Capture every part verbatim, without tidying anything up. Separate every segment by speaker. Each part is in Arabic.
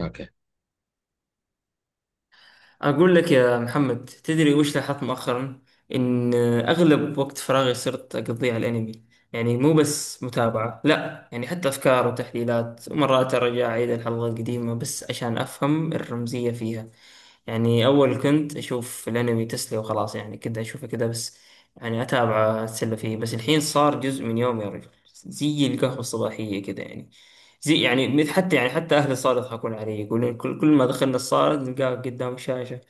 Speaker 1: اوكي.
Speaker 2: أقول لك يا محمد، تدري وش لاحظت مؤخرا؟ إن أغلب وقت فراغي صرت أقضيه على الأنمي. يعني مو بس متابعة، لا يعني حتى أفكار وتحليلات، ومرات أرجع أعيد الحلقة القديمة بس عشان أفهم الرمزية فيها. يعني أول كنت أشوف الأنمي تسلية وخلاص، يعني كده أشوفه كده بس. يعني أتابعه أتسلى فيه، بس الحين صار جزء من يومي يا رجل. زي القهوة الصباحية كده يعني. زي يعني مثل حتى يعني حتى أهلي صاروا يضحكون علي، يقولون كل, كل ما دخلنا الصالة نلقاك قدام الشاشة.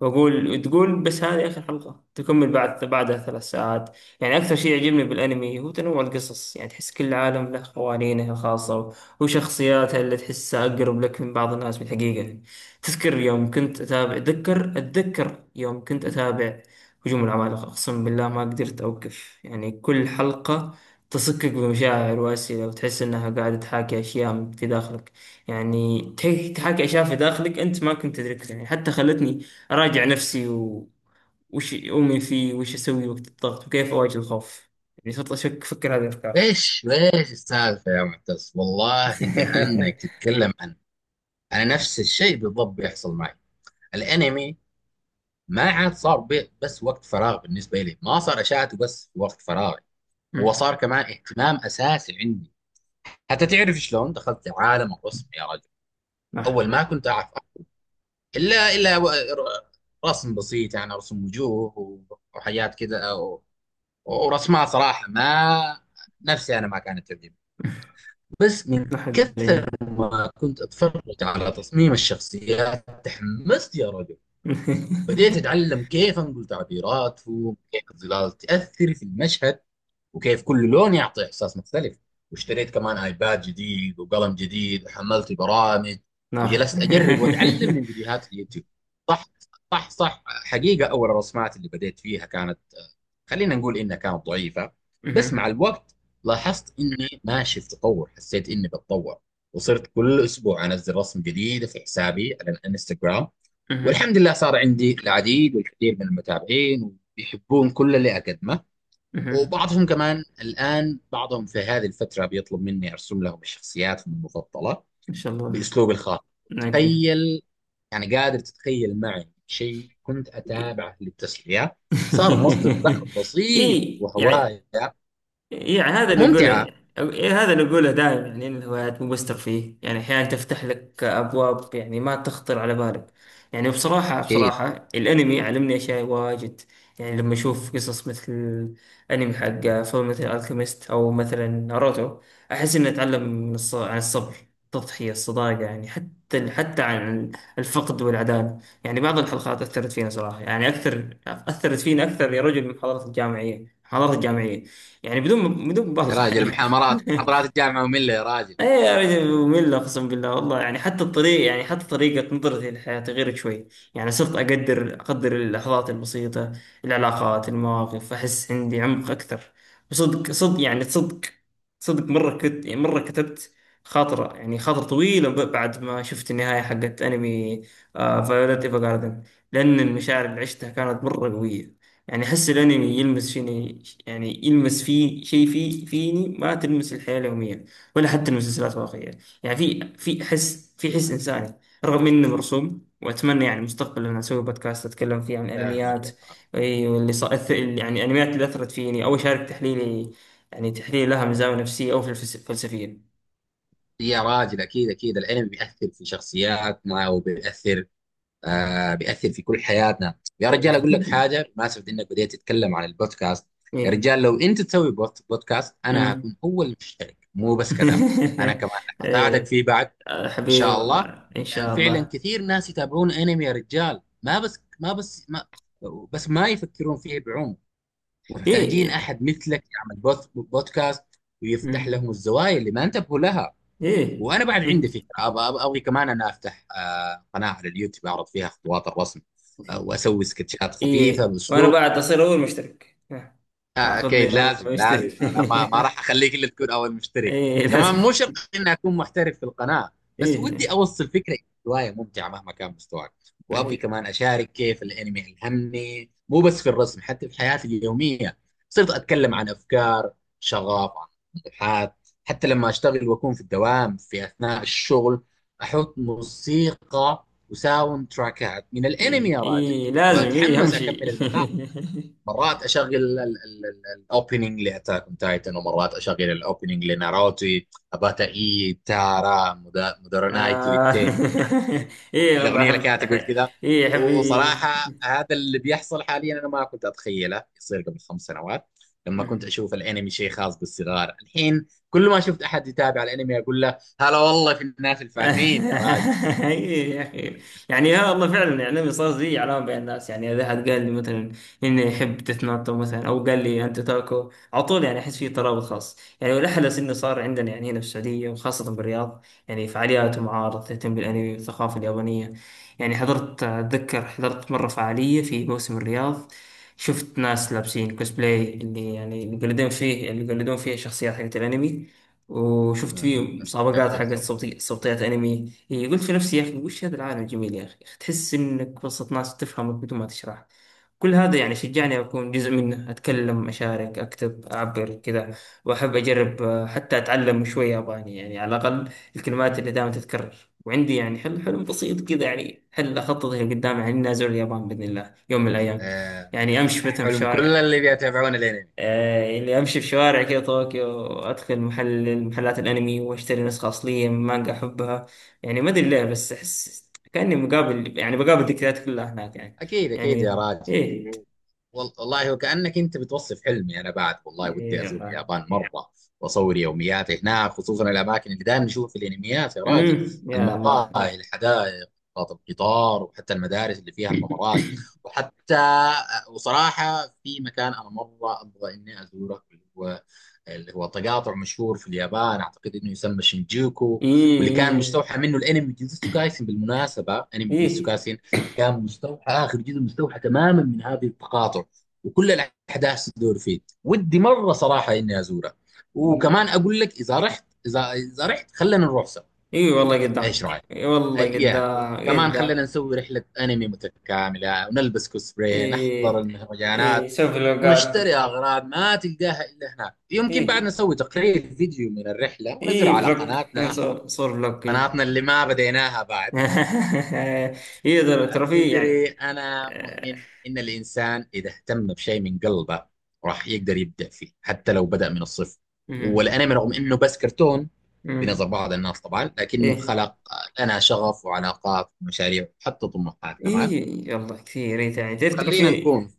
Speaker 2: وأقول تقول بس هذه آخر حلقة، تكمل بعد بعدها ثلاث ساعات. يعني أكثر شيء يعجبني بالأنمي هو تنوع القصص، يعني تحس كل عالم له قوانينه الخاصة، وشخصياتها اللي تحسها أقرب لك من بعض الناس بالحقيقة. تذكر يوم كنت أتابع أتذكر أتذكر يوم كنت أتابع هجوم العمالقة. أقسم بالله ما قدرت أوقف، يعني كل حلقة تصكك بمشاعر وأسئلة، وتحس إنها قاعدة تحاكي أشياء في داخلك. يعني تح- تحاكي أشياء في داخلك أنت ما كنت تدركها، يعني حتى خلتني أراجع نفسي، و... وش أؤمن فيه، وش أسوي وقت الضغط، وكيف أواجه الخوف. يعني صرت أشك أفكر هذه الأفكار.
Speaker 1: ايش ايش السالفه يا معتز، والله كانك تتكلم عن انا. نفس الشيء بالضبط بيحصل معي، الانمي ما عاد صار بي- بس وقت فراغ بالنسبه لي، ما صار اشاهده بس وقت فراغي، هو
Speaker 2: مم.
Speaker 1: صار كمان اهتمام اساسي عندي. حتى تعرف شلون دخلت عالم الرسم يا رجل، اول
Speaker 2: نح
Speaker 1: ما كنت اعرف الا الا و- ر- رسم بسيط، يعني رسم وجوه و- وحاجات كذا و- ورسمات صراحه ما نفسي انا ما كانت تعجبني. بس من
Speaker 2: نح
Speaker 1: كثر
Speaker 2: الدجاج.
Speaker 1: ما كنت أتفرج على تصميم الشخصيات تحمست يا رجل، بديت أتعلم كيف أنقل تعبيراتهم، كيف الظلال تأثر في المشهد، وكيف كل لون يعطي احساس مختلف. واشتريت كمان ايباد جديد وقلم جديد وحملت برامج،
Speaker 2: نح.
Speaker 1: وجلست اجرب واتعلم من فيديوهات اليوتيوب. صح، صح، صح، حقيقه اول الرسمات اللي بديت فيها كانت، خلينا نقول انها كانت ضعيفه، بس مع
Speaker 2: مهم.
Speaker 1: الوقت لاحظت اني ماشي في تطور، حسيت اني بتطور، وصرت كل اسبوع انزل رسم جديده في حسابي على الانستغرام. والحمد
Speaker 2: مهم.
Speaker 1: لله صار عندي العديد والكثير من المتابعين ويحبون كل اللي اقدمه،
Speaker 2: مهم.
Speaker 1: وبعضهم كمان الآن، بعضهم في هذه الفترة بيطلب مني أرسم لهم شخصياتهم المفضلة
Speaker 2: إن شاء الله.
Speaker 1: بأسلوبي الخاص.
Speaker 2: أوكي.
Speaker 1: تخيل، يعني قادر تتخيل معي شيء كنت أتابعه للتسلية صار مصدر دخل بسيط
Speaker 2: إيه يعني.
Speaker 1: وهواية
Speaker 2: يعني هذا اللي
Speaker 1: وممتعة.
Speaker 2: أقوله. إيه، هذا اللي أقوله دائما، يعني إن الهوايات مو بس ترفيه، يعني أحيانا تفتح لك أبواب يعني ما تخطر على بالك. يعني بصراحة
Speaker 1: أكيد.
Speaker 2: بصراحة الأنمي علمني أشياء واجد. يعني لما أشوف قصص مثل أنمي حق فيلم مثل ألكيميست أو مثلا ناروتو، أحس إني أتعلم من الص- عن الصبر، التضحية، الصداقة، يعني حتى حتى عن الفقد والعداله. يعني بعض الحلقات أثرت فينا صراحة، يعني أكثر، أثرت فينا أكثر يا رجل من محاضرات الجامعية محاضرات الجامعية، يعني بدون بدون
Speaker 1: يا
Speaker 2: مبالغة
Speaker 1: راجل،
Speaker 2: يعني.
Speaker 1: محاضرات محاضرات الجامعة مملة يا راجل.
Speaker 2: ايه يا رجل ممل، اقسم بالله والله، يعني حتى الطريق يعني حتى طريقة نظرتي للحياة غيرت شوي. يعني صرت اقدر اقدر اللحظات البسيطة، العلاقات، المواقف، احس عندي عمق اكثر. وصدق صدق يعني صدق صدق مرة كت يعني مرة كتبت خاطرة يعني خاطرة طويلة ب- بعد ما شفت النهاية حقت انمي فايولت ايفا جاردن، لان المشاعر اللي عشتها كانت مرة قوية. يعني احس الانمي يلمس فيني، يعني يلمس في شيء في فيني، ما تلمس الحياة اليومية ولا حتى المسلسلات الواقعية. يعني في في حس في حس إنساني، رغم إنه مرسوم. وأتمنى يعني مستقبلا لما أسوي بودكاست أتكلم فيه عن
Speaker 1: فاهمك
Speaker 2: الأنميات.
Speaker 1: يا راجل.
Speaker 2: إي، واللي صار أث- يعني الأنميات اللي أثرت فيني أو أشارك تحليلي، يعني تحليل لها من زاوية نفسية أو فلس- فلسفية.
Speaker 1: يا راجل أكيد أكيد، العلم بيأثر في شخصياتنا وبيأثر، آه بيأثر في كل حياتنا يا رجال. أقول لك حاجة بمناسبة إنك بديت تتكلم عن البودكاست، يا
Speaker 2: إيه.
Speaker 1: رجال لو أنت تسوي بوت- بودكاست أنا
Speaker 2: أمم.
Speaker 1: هكون هو المشترك، مو بس كذا، أنا كمان هساعدك
Speaker 2: إيه.
Speaker 1: فيه بعد.
Speaker 2: آه،
Speaker 1: إن
Speaker 2: حبيبي
Speaker 1: شاء الله.
Speaker 2: والله إن
Speaker 1: لأن
Speaker 2: شاء
Speaker 1: فعلا
Speaker 2: الله.
Speaker 1: كثير ناس يتابعون أنمي يا رجال، ما بس ما بس ما بس ما يفكرون فيه بعمق، ومحتاجين
Speaker 2: إيه.
Speaker 1: أحد مثلك يعمل بوت- بودكاست ويفتح
Speaker 2: أمم.
Speaker 1: لهم الزوايا اللي ما انتبهوا لها.
Speaker 2: إيه.
Speaker 1: وانا بعد عندي فكره، أبغى- أبغى- ابغي كمان انا افتح آه، قناه على اليوتيوب اعرض فيها خطوات الرسم، آه، واسوي سكتشات
Speaker 2: اي
Speaker 1: خفيفه
Speaker 2: اي، وانا
Speaker 1: باسلوب.
Speaker 2: بعد اصير اول مشترك ها.
Speaker 1: آه، اكيد
Speaker 2: هاخذني
Speaker 1: لازم،
Speaker 2: اول مشترك.
Speaker 1: لازم انا ما ما راح اخليك الا تكون اول مشترك.
Speaker 2: اي
Speaker 1: كمان
Speaker 2: لازم.
Speaker 1: مو شرط اني اكون محترف في القناه،
Speaker 2: اي.
Speaker 1: بس ودي اوصل فكره، هوايه ممتعه مهما كان مستواك. وابغي
Speaker 2: اوكي.
Speaker 1: كمان اشارك كيف الانمي الهمني، مو بس في الرسم حتى في حياتي اليوميه. صرت اتكلم عن افكار شغاف عن الحاد. حتى لما أشتغل وأكون في الدوام في أثناء الشغل، أحط موسيقى وساوند تراكات من الأنمي
Speaker 2: اي.
Speaker 1: يا راجل،
Speaker 2: إي، لازم. اي
Speaker 1: وأتحمس
Speaker 2: همشي.
Speaker 1: أكمل المهام. مرات أشغل الأوبننج لأتاك أون تايتن، ومرات أشغل الأوبننج لناروتو، أباتا إي تارا، مدارونايتو،
Speaker 2: آه. اي والله
Speaker 1: الاغنيه اللي
Speaker 2: احب
Speaker 1: كانت تقول
Speaker 2: أح-
Speaker 1: كذا.
Speaker 2: اي احب.
Speaker 1: وصراحه هذا اللي بيحصل حاليا انا ما كنت اتخيله يصير قبل خمس سنوات، لما
Speaker 2: إي.
Speaker 1: كنت اشوف الانمي شيء خاص بالصغار. الحين كل ما شفت احد يتابع الانمي اقول له هلا والله، في الناس الفاهمين يا راجل.
Speaker 2: إيه يا اخي. يعني ها والله فعلا، يعني صار زي علامه بين الناس، يعني اذا احد قال لي مثلا اني يحب ديث نوت او مثلا او قال لي انت تاكو على طول، يعني احس في ترابط خاص، يعني والاحلى انه صار عندنا يعني هنا في السعوديه وخاصه بالرياض، يعني فعاليات ومعارض تهتم بالانمي والثقافه اليابانيه. يعني حضرت اتذكر حضرت مره فعاليه في موسم الرياض، شفت ناس لابسين كوسبلاي، اللي يعني اللي يقلدون فيه اللي يقلدون فيه شخصيات حقت الانمي. وشفت فيه
Speaker 1: أمم.
Speaker 2: مسابقات حقت
Speaker 1: شفتوا.
Speaker 2: صوتي صوتيات انمي. يعني قلت في نفسي يا اخي، وش هذا العالم الجميل يا اخي، تحس انك وسط ناس تفهمك بدون ما تشرح. كل هذا يعني شجعني اكون جزء منه، اتكلم اشارك اكتب اعبر كذا. واحب اجرب آه، حتى اتعلم شوي ياباني، يعني على الاقل الكلمات اللي دائما تتكرر. وعندي يعني حل حلم بسيط كذا، يعني حل اخطط اللي قدامي، يعني اني ازور اليابان باذن الله يوم من الايام.
Speaker 1: آه،
Speaker 2: يعني امشي مثلا في
Speaker 1: حلم كل
Speaker 2: شوارع
Speaker 1: اللي بيتابعون الانمي.
Speaker 2: آه، اللي امشي في شوارع كده طوكيو، وادخل محل محلات الانمي واشتري نسخة اصلية من مانجا احبها. يعني ما ادري ليه، بس احس كاني مقابل يعني بقابل ذكريات كلها هناك يعني.
Speaker 1: اكيد اكيد يا
Speaker 2: يعني
Speaker 1: راجل،
Speaker 2: ايه.
Speaker 1: وال- والله وكأنك انت بتوصف حلمي انا بعد. والله ودي
Speaker 2: ايه
Speaker 1: ازور
Speaker 2: والله.
Speaker 1: اليابان مره، واصور يومياتي هناك، خصوصا الاماكن اللي دائما نشوفها في الانميات يا راجل،
Speaker 2: امم. يا الله.
Speaker 1: المقاهي،
Speaker 2: ايه.
Speaker 1: الحدائق، محطات القطار، وحتى المدارس اللي فيها الممرات. وحتى، وصراحه في مكان انا مره ابغى اني ازوره، اللي هو، اللي هو تقاطع مشهور في اليابان اعتقد انه يسمى شينجوكو. واللي كان
Speaker 2: ايه.
Speaker 1: مستوحى منه الانمي جوجوتسو كايسن. بالمناسبه انمي جوجوتسو
Speaker 2: ايه.
Speaker 1: كايسن كان مستوحى، اخر جزء مستوحى تماما من هذه التقاطع، وكل الاحداث تدور فيه. ودي مره صراحه اني ازورها. وكمان
Speaker 2: ايه،
Speaker 1: اقول لك، اذا رحت، اذا اذا رحت خلينا نروح سوا.
Speaker 2: إيه والله
Speaker 1: ايش
Speaker 2: قدام.
Speaker 1: رايك؟
Speaker 2: ايه والله
Speaker 1: أي- يا
Speaker 2: قدام
Speaker 1: وكمان خلينا
Speaker 2: قدام.
Speaker 1: نسوي رحله انمي متكامله، ونلبس كوسبراي، نحضر
Speaker 2: ايه. ايه
Speaker 1: المهرجانات،
Speaker 2: سوي فلوقات.
Speaker 1: ونشتري اغراض ما تلقاها الا هناك. يمكن بعد
Speaker 2: ايه.
Speaker 1: نسوي تقرير فيديو من الرحله ونزله
Speaker 2: ايه
Speaker 1: على
Speaker 2: فلوق، يعني
Speaker 1: قناتنا.
Speaker 2: صور صور فلوق. ايه.
Speaker 1: قناتنا اللي ما بديناها بعد.
Speaker 2: يقدر ترفيه
Speaker 1: تدري
Speaker 2: يعني.
Speaker 1: أنا
Speaker 2: آه،
Speaker 1: مؤمن إن الإنسان إذا اهتم بشيء من قلبه راح يقدر يبدع فيه حتى لو بدأ من الصفر.
Speaker 2: مم.
Speaker 1: والأنمي رغم إنه بس كرتون بنظر
Speaker 2: مم.
Speaker 1: بعض الناس طبعا، لكنه
Speaker 2: ايه.
Speaker 1: خلق لنا شغف وعلاقات ومشاريع وحتى طموحات كمان.
Speaker 2: ايه والله كثير. إيه يعني تعرف
Speaker 1: خلينا
Speaker 2: ترفيه.
Speaker 1: نكون.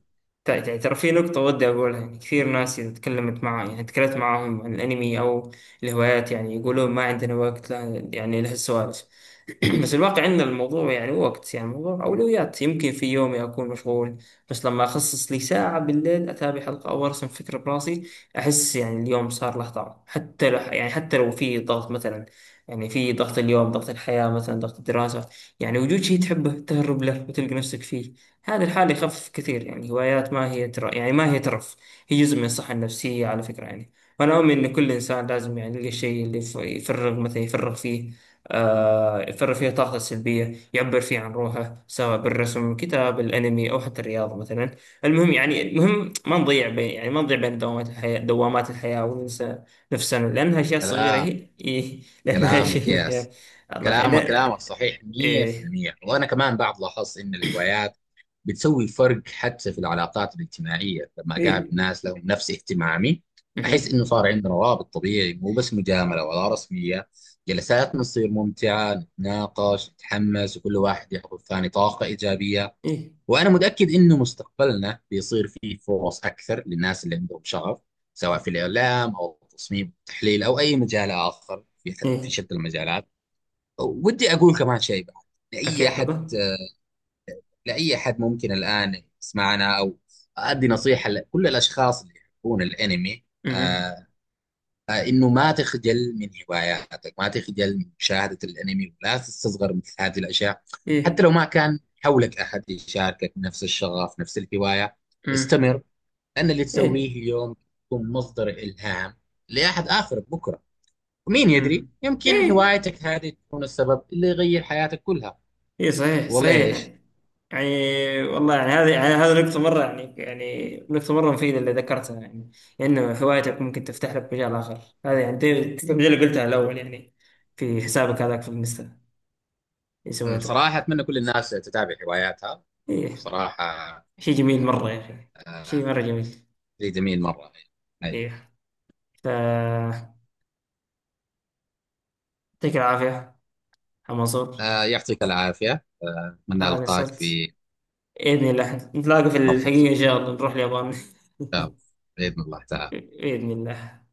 Speaker 2: تع- تع- ترى في نقطة ودي أقولها، يعني كثير ناس إذا تكلمت معاه يعني تكلمت معاهم عن الأنمي أو الهوايات، يعني يقولون ما عندنا وقت، لا يعني لهالسوالف. بس الواقع عندنا الموضوع، يعني وقت، يعني الموضوع أولويات. يمكن في يومي أكون مشغول، بس لما أخصص لي ساعة بالليل أتابع حلقة أو أرسم فكرة براسي، أحس يعني اليوم صار له طعم. حتى لو يعني حتى لو في ضغط مثلا، يعني في ضغط اليوم، ضغط الحياة مثلا، ضغط الدراسة، يعني وجود شيء تحبه تهرب له وتلقى نفسك فيه هذه الحالة يخفف كثير. يعني هوايات ما هي تر... يعني ما هي ترف، هي جزء من الصحة النفسية على فكرة يعني. وأنا أؤمن إن كل إنسان لازم يعني يلقى الشيء اللي يف- يفرغ مثلا يفرغ فيه. آه يفرغ فيه طاقته السلبية، يعبر فيه عن روحه، سواء بالرسم، كتاب، الأنمي، أو حتى الرياضة مثلا. المهم يعني المهم ما نضيع بين يعني ما نضيع بين دوامات الحياة دوامات الحياة وننسى نفسنا، لأنها أشياء صغيرة
Speaker 1: كلام
Speaker 2: هي. إيه، لأنها
Speaker 1: كلامك، ياس
Speaker 2: أشياء. الله يخ-
Speaker 1: كلامك
Speaker 2: لا.
Speaker 1: كلامك صحيح
Speaker 2: إيه.
Speaker 1: مئة في المئة. وأنا كمان بعد لاحظت إن الهوايات بتسوي فرق حتى في العلاقات الاجتماعية. لما أقابل
Speaker 2: إيه.
Speaker 1: ناس لهم نفس اهتمامي أحس
Speaker 2: مهم.
Speaker 1: إنه صار عندنا روابط طبيعي، مو بس مجاملة ولا رسمية. جلساتنا تصير ممتعة، نتناقش، نتحمس، وكل واحد يعطي الثاني طاقة إيجابية.
Speaker 2: إيه.
Speaker 1: وأنا متأكد إنه مستقبلنا بيصير فيه فرص أكثر للناس اللي عندهم شغف، سواء في الإعلام أو التصميم والتحليل أو أي مجال آخر، في في
Speaker 2: إيه.
Speaker 1: شتى المجالات. ودي اقول كمان شيء بعد، لاي احد،
Speaker 2: أكاثبة.
Speaker 1: لاي احد ممكن الان يسمعنا، او ادي نصيحه لكل الاشخاص اللي يحبون الانمي،
Speaker 2: أمم.
Speaker 1: آه آه انه ما تخجل من هواياتك، ما تخجل من مشاهده الانمي، ولا تستصغر مثل هذه الاشياء. حتى
Speaker 2: إيه.
Speaker 1: لو ما كان حولك احد يشاركك نفس الشغف، نفس الهوايه،
Speaker 2: أمم.
Speaker 1: استمر. لان اللي تسويه
Speaker 2: إيه.
Speaker 1: اليوم يكون مصدر الهام لاحد اخر بكره. ومين يدري،
Speaker 2: أمم.
Speaker 1: يمكن
Speaker 2: إيه.
Speaker 1: هوايتك هذه تكون السبب اللي يغير حياتك كلها.
Speaker 2: إيه صحيح
Speaker 1: والله
Speaker 2: صحيح
Speaker 1: ايش.
Speaker 2: يعني. يعني والله، يعني هذه يعني هذه نقطة مرة يعني يعني نقطة مرة مفيدة اللي ذكرتها يعني، إنه هوايتك ممكن تفتح لك مجال آخر. هذه يعني دي- دي اللي قلتها الأول يعني، في حسابك هذاك في الانستا اللي
Speaker 1: أمم،
Speaker 2: سويته.
Speaker 1: صراحه اتمنى كل الناس تتابع هواياتها.
Speaker 2: إيه.
Speaker 1: صراحه،
Speaker 2: شيء جميل مرة يا أخي. شيء
Speaker 1: آه،
Speaker 2: مرة جميل.
Speaker 1: شيء جميل مره. حلو.
Speaker 2: إيه. ف يعطيك العافية يا منصور.
Speaker 1: آه، يعطيك العافيه، آه، اتمنى
Speaker 2: أنا
Speaker 1: القاك
Speaker 2: قصرت.
Speaker 1: في
Speaker 2: بإذن الله نتلاقى في
Speaker 1: فرصه،
Speaker 2: الحقيقة، إن شاء الله نروح اليابان
Speaker 1: باذن الله تعالى.
Speaker 2: بإذن الله.